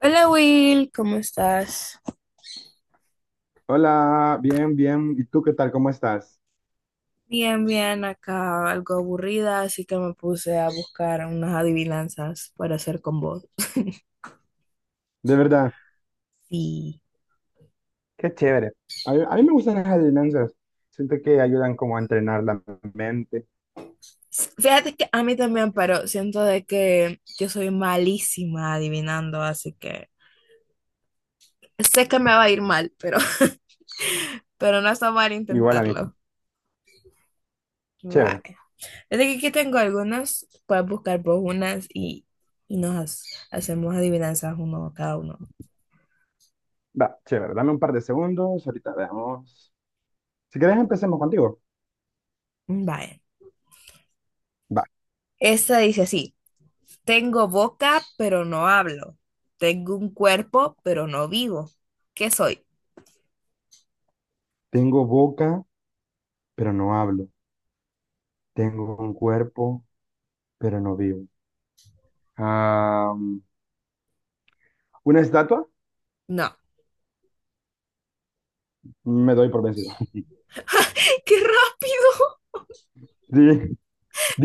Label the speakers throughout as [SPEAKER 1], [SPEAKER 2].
[SPEAKER 1] Hola Will, ¿cómo estás?
[SPEAKER 2] Hola, bien, bien. ¿Y tú qué tal? ¿Cómo estás?
[SPEAKER 1] Bien, bien, acá algo aburrida, así que me puse a buscar unas adivinanzas para hacer con vos.
[SPEAKER 2] De verdad.
[SPEAKER 1] Sí.
[SPEAKER 2] Qué chévere. A mí me gustan las adivinanzas. Siento que ayudan como a entrenar la mente.
[SPEAKER 1] Fíjate que a mí también, pero siento de que yo soy malísima adivinando, así que sé que me va a ir mal, pero, pero no está mal
[SPEAKER 2] Igual a mí.
[SPEAKER 1] intentarlo.
[SPEAKER 2] Chévere.
[SPEAKER 1] Vale. Desde que aquí tengo algunas, puedes buscar vos unas y nos hacemos adivinanzas uno cada uno.
[SPEAKER 2] Va, chévere. Dame un par de segundos. Ahorita veamos. Si quieres, empecemos contigo.
[SPEAKER 1] Vale.
[SPEAKER 2] Va.
[SPEAKER 1] Esta dice así. Tengo boca, pero no hablo. Tengo un cuerpo, pero no vivo. ¿Qué soy?
[SPEAKER 2] Tengo boca, pero no hablo. Tengo un cuerpo, pero no vivo. Ah, ¿una estatua?
[SPEAKER 1] No.
[SPEAKER 2] Me doy por vencido.
[SPEAKER 1] ¡Ay, qué rápido!
[SPEAKER 2] Dije,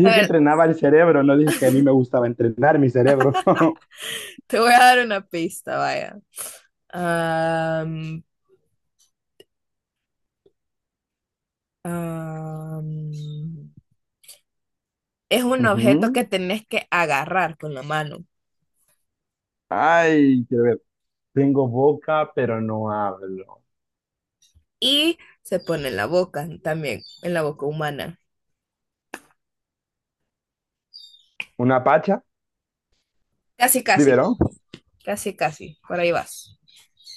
[SPEAKER 1] A
[SPEAKER 2] que
[SPEAKER 1] ver,
[SPEAKER 2] entrenaba el cerebro, no dije que a mí me gustaba entrenar mi cerebro.
[SPEAKER 1] te voy a dar una pista, vaya. Am, am, es un objeto
[SPEAKER 2] Ujú.
[SPEAKER 1] que tenés que agarrar con la mano
[SPEAKER 2] Ay, quiero ver. Tengo boca, pero no hablo.
[SPEAKER 1] y se pone en la boca también, en la boca humana.
[SPEAKER 2] ¿Una pacha?
[SPEAKER 1] Casi, casi,
[SPEAKER 2] ¿Biberón?
[SPEAKER 1] casi, casi. Por ahí vas.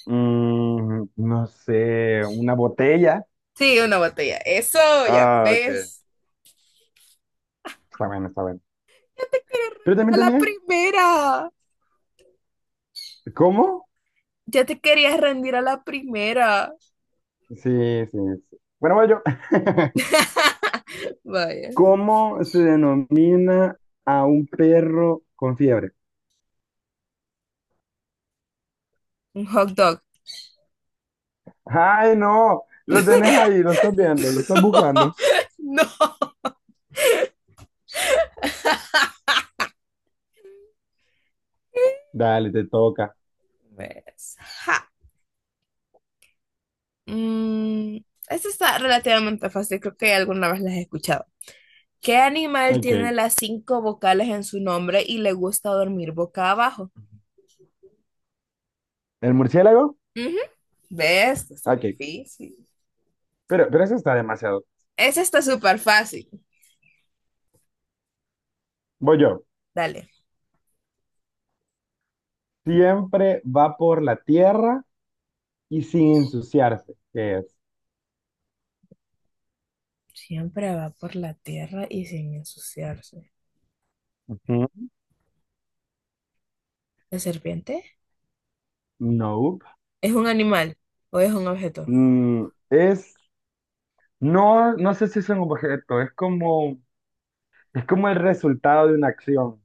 [SPEAKER 2] Mm, no sé, una botella.
[SPEAKER 1] Sí, una botella. Eso, ya
[SPEAKER 2] Ah, ok.
[SPEAKER 1] ves.
[SPEAKER 2] Está bien, está bien. Pero
[SPEAKER 1] Eres a
[SPEAKER 2] también
[SPEAKER 1] la
[SPEAKER 2] tenía.
[SPEAKER 1] primera.
[SPEAKER 2] ¿Cómo?
[SPEAKER 1] Ya te querías rendir a la primera.
[SPEAKER 2] Sí, sí, sí. Bueno, voy yo.
[SPEAKER 1] Vaya,
[SPEAKER 2] ¿Cómo se denomina a un perro con fiebre?
[SPEAKER 1] un hot dog.
[SPEAKER 2] Ay, no. Lo tenés ahí, lo estás viendo, lo estás buscando.
[SPEAKER 1] No.
[SPEAKER 2] Dale, te toca.
[SPEAKER 1] Pues, ja. Mm, esta está relativamente fácil, creo que alguna vez las he escuchado. ¿Qué animal tiene
[SPEAKER 2] Ok.
[SPEAKER 1] las cinco vocales en su nombre y le gusta dormir boca abajo?
[SPEAKER 2] ¿El murciélago?
[SPEAKER 1] Ujú. ¿Ves? No es tan
[SPEAKER 2] Ok.
[SPEAKER 1] difícil.
[SPEAKER 2] Pero eso está demasiado.
[SPEAKER 1] Esa está súper fácil.
[SPEAKER 2] Voy yo.
[SPEAKER 1] Dale.
[SPEAKER 2] Siempre va por la tierra y sin ensuciarse, que es.
[SPEAKER 1] Siempre va por la tierra y sin ensuciarse.
[SPEAKER 2] Ujú.
[SPEAKER 1] ¿La serpiente?
[SPEAKER 2] Nope.
[SPEAKER 1] ¿Es un animal o es un objeto?
[SPEAKER 2] Mm, es, no sé si es un objeto, es como el resultado de una acción.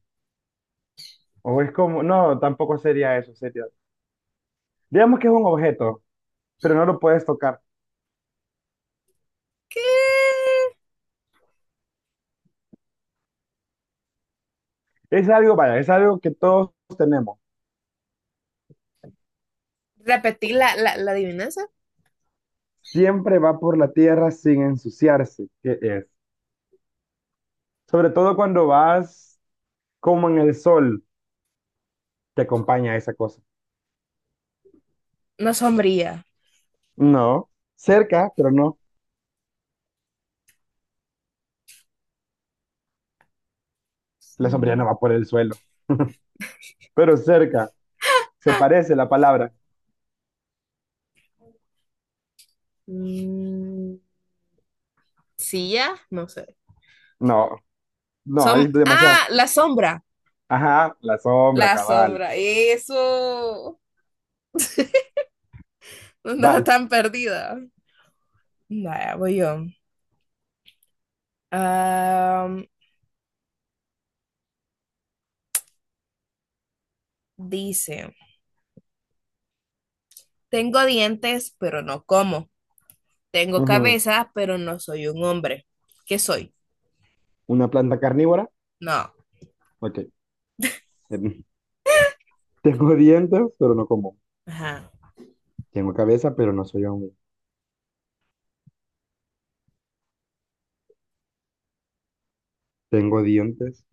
[SPEAKER 2] O es como, no, tampoco sería eso, sería. Digamos que es un objeto, pero no lo puedes tocar.
[SPEAKER 1] ¿Qué?
[SPEAKER 2] Es algo, vaya, es algo que todos tenemos.
[SPEAKER 1] Repetí la adivinanza.
[SPEAKER 2] Siempre va por la tierra sin ensuciarse, que es. Sobre todo cuando vas como en el sol, te acompaña esa cosa.
[SPEAKER 1] No sombría.
[SPEAKER 2] No, cerca, pero no. La sombrilla no
[SPEAKER 1] Sí.
[SPEAKER 2] va por el suelo, pero cerca. Se parece la palabra.
[SPEAKER 1] Mm, silla, no sé.
[SPEAKER 2] No, no, hay demasiado.
[SPEAKER 1] Ah, la sombra.
[SPEAKER 2] Ajá, la sombra,
[SPEAKER 1] La
[SPEAKER 2] cabal.
[SPEAKER 1] sombra. Eso. No andaba
[SPEAKER 2] Vals.
[SPEAKER 1] tan perdida. Vaya, voy yo. Am, dice, tengo dientes, pero no como. Tengo
[SPEAKER 2] Ujú.
[SPEAKER 1] cabeza, pero no soy un hombre. ¿Qué soy?
[SPEAKER 2] Una planta carnívora.
[SPEAKER 1] No.
[SPEAKER 2] Ok. Em, Tengo dientes, pero no como.
[SPEAKER 1] Ajá.
[SPEAKER 2] Tengo cabeza, pero no soy hombre. Tengo dientes,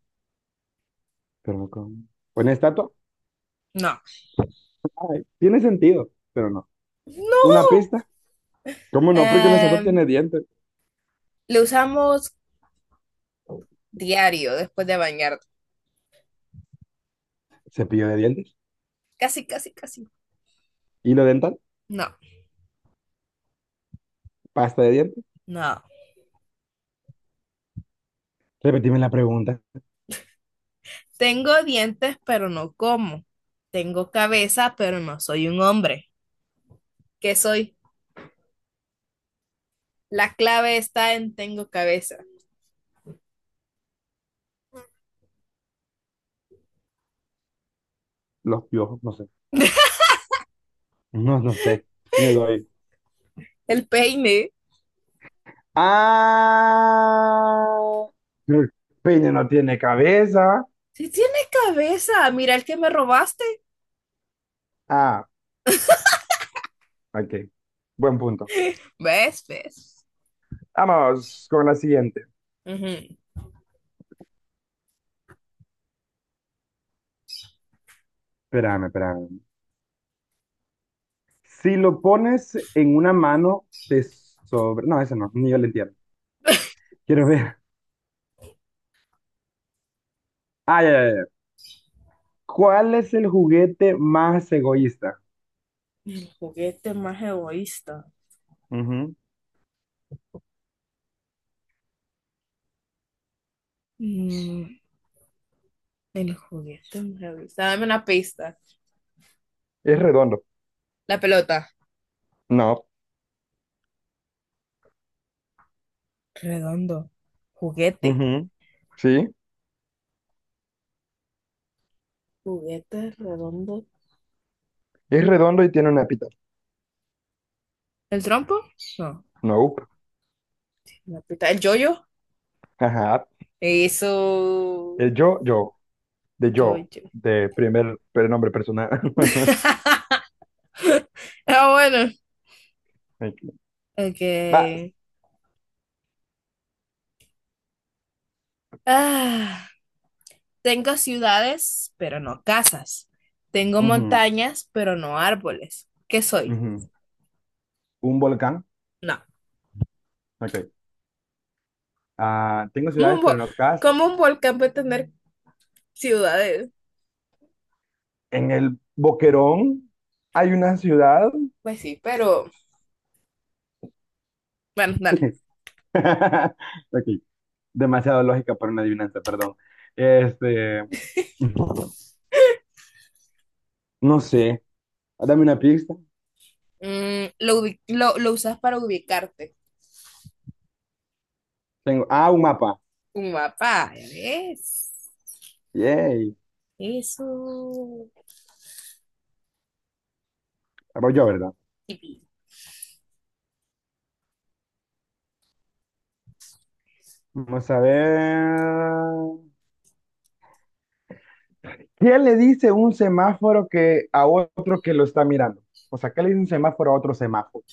[SPEAKER 2] pero no como. ¿Una estatua?
[SPEAKER 1] No.
[SPEAKER 2] Ay, tiene sentido, pero no. ¿Una
[SPEAKER 1] No.
[SPEAKER 2] pista? ¿Cómo no? Porque una estatua tiene
[SPEAKER 1] Am,
[SPEAKER 2] dientes.
[SPEAKER 1] lo usamos diario después de bañar.
[SPEAKER 2] Cepillo de dientes.
[SPEAKER 1] Casi, casi, casi.
[SPEAKER 2] Hilo dental.
[SPEAKER 1] No,
[SPEAKER 2] Pasta de dientes.
[SPEAKER 1] no.
[SPEAKER 2] Repetime la pregunta.
[SPEAKER 1] Tengo dientes, pero no como. Tengo cabeza, pero no soy un hombre. ¿Qué soy? La clave está en tengo cabeza.
[SPEAKER 2] Los piojos, no sé. No, no sé. Me doy.
[SPEAKER 1] El peine.
[SPEAKER 2] Ah, el peine no tiene cabeza.
[SPEAKER 1] Si tiene cabeza, mira el que me robaste.
[SPEAKER 2] Ah, ok. Buen punto.
[SPEAKER 1] ¿Ves? ¿Ves?
[SPEAKER 2] Vamos con la siguiente.
[SPEAKER 1] Ujú.
[SPEAKER 2] Espérame, espérame. Si lo pones en una mano, te sobre... No, eso no, ni yo lo entiendo. Quiero ver. Ah, ya, ya, ya. ¿Cuál es el juguete más egoísta?
[SPEAKER 1] El juguete más egoísta.
[SPEAKER 2] Ujú.
[SPEAKER 1] Mm, el juguete más egoísta. Dame una pista.
[SPEAKER 2] Es redondo.
[SPEAKER 1] La pelota.
[SPEAKER 2] No.
[SPEAKER 1] Redondo. Juguete.
[SPEAKER 2] Ujú. Sí.
[SPEAKER 1] Juguete redondo.
[SPEAKER 2] Es redondo y tiene una pita.
[SPEAKER 1] ¿El trompo? No.
[SPEAKER 2] No.
[SPEAKER 1] ¿El yoyo?
[SPEAKER 2] Ajá.
[SPEAKER 1] Eso,
[SPEAKER 2] El yo, yo. De
[SPEAKER 1] yo,
[SPEAKER 2] yo.
[SPEAKER 1] yo.
[SPEAKER 2] De primer nombre personal.
[SPEAKER 1] Ah, bueno.
[SPEAKER 2] Ok.
[SPEAKER 1] Ok.
[SPEAKER 2] Vas.
[SPEAKER 1] Ah, tengo ciudades, pero no casas. Tengo
[SPEAKER 2] Ujú,
[SPEAKER 1] montañas, pero no árboles. ¿Qué soy?
[SPEAKER 2] ujú. Un volcán.
[SPEAKER 1] No.
[SPEAKER 2] Ok. Ah, tengo
[SPEAKER 1] ¿Cómo
[SPEAKER 2] ciudades,
[SPEAKER 1] un,
[SPEAKER 2] pero
[SPEAKER 1] vo-
[SPEAKER 2] no casas.
[SPEAKER 1] ¿Cómo un volcán puede tener ciudades?
[SPEAKER 2] En el Boquerón hay una ciudad.
[SPEAKER 1] Pues sí, pero bueno, dale.
[SPEAKER 2] Ok, demasiado lógica para una adivinanza, perdón. Este, no sé, dame una pista.
[SPEAKER 1] Mm, lo usas para ubicarte.
[SPEAKER 2] Tengo, ah, un mapa.
[SPEAKER 1] Un mapa. Ya ves.
[SPEAKER 2] Yay,
[SPEAKER 1] Eso.
[SPEAKER 2] voy yo, ¿verdad?
[SPEAKER 1] Y
[SPEAKER 2] Vamos a ver. ¿Qué le dice un semáforo que a otro que lo está mirando? O sea, ¿qué le dice un semáforo a otro semáforo?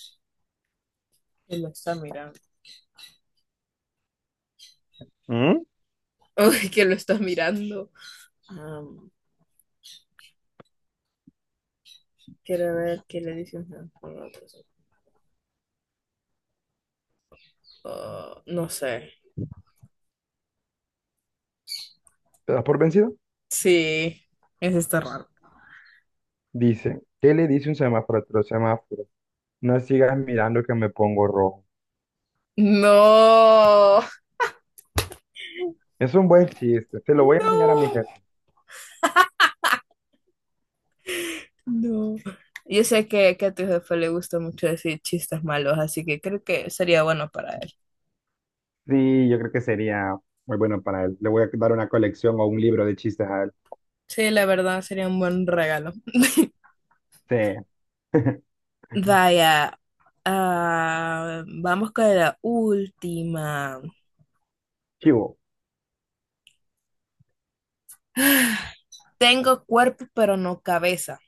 [SPEAKER 1] que lo está mirando.
[SPEAKER 2] ¿Mm?
[SPEAKER 1] Uy, que lo está mirando. Quiero ver qué le dice un... Ah, no sé.
[SPEAKER 2] ¿Te das por vencido?
[SPEAKER 1] Sí, eso está raro.
[SPEAKER 2] Dice, ¿qué le dice un semáforo a otro semáforo? No sigas mirando que me pongo rojo.
[SPEAKER 1] No,
[SPEAKER 2] Es un buen chiste, se lo voy a enseñar a mi
[SPEAKER 1] no,
[SPEAKER 2] jefe.
[SPEAKER 1] no. Yo sé que a tu jefe le gusta mucho decir chistes malos, así que creo que sería bueno para él.
[SPEAKER 2] Sí, yo creo que sería muy bueno para él. Le voy a dar una colección o un libro de chistes a él.
[SPEAKER 1] Sí, la verdad, sería un buen regalo.
[SPEAKER 2] Sí.
[SPEAKER 1] Vaya, ah, vamos con la última.
[SPEAKER 2] Chivo,
[SPEAKER 1] Tengo cuerpo, pero no cabeza.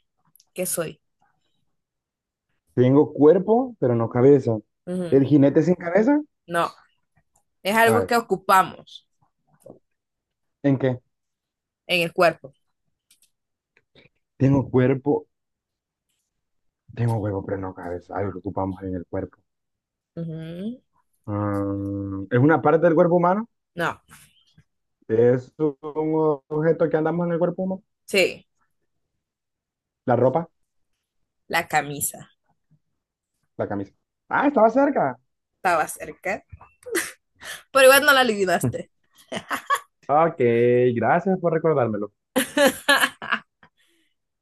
[SPEAKER 1] ¿Qué soy?
[SPEAKER 2] tengo cuerpo, pero no cabeza.
[SPEAKER 1] Ujú.
[SPEAKER 2] ¿El jinete sin cabeza?
[SPEAKER 1] No, es algo
[SPEAKER 2] Ay,
[SPEAKER 1] que ocupamos
[SPEAKER 2] ¿en qué?
[SPEAKER 1] en el cuerpo.
[SPEAKER 2] Tengo cuerpo, tengo huevo, pero no cabeza. Algo que ocupamos en el cuerpo.
[SPEAKER 1] Ujú.
[SPEAKER 2] Mm, ¿es una parte del cuerpo humano?
[SPEAKER 1] No,
[SPEAKER 2] ¿Es un objeto que andamos en el cuerpo humano?
[SPEAKER 1] sí,
[SPEAKER 2] ¿La ropa?
[SPEAKER 1] la camisa.
[SPEAKER 2] La camisa. Ah, estaba cerca.
[SPEAKER 1] Estaba cerca. Pero igual no la adivinaste.
[SPEAKER 2] Ok, gracias por recordármelo.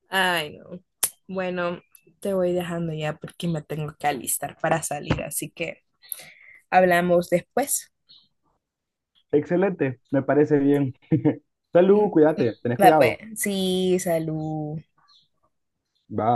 [SPEAKER 1] Ay, no. Bueno, te voy dejando ya porque me tengo que alistar para salir, así que hablamos después.
[SPEAKER 2] Excelente, me parece bien. Salud,
[SPEAKER 1] Ujú.
[SPEAKER 2] cuídate, tenés
[SPEAKER 1] Va pues,
[SPEAKER 2] cuidado.
[SPEAKER 1] sí, salud.
[SPEAKER 2] Bye.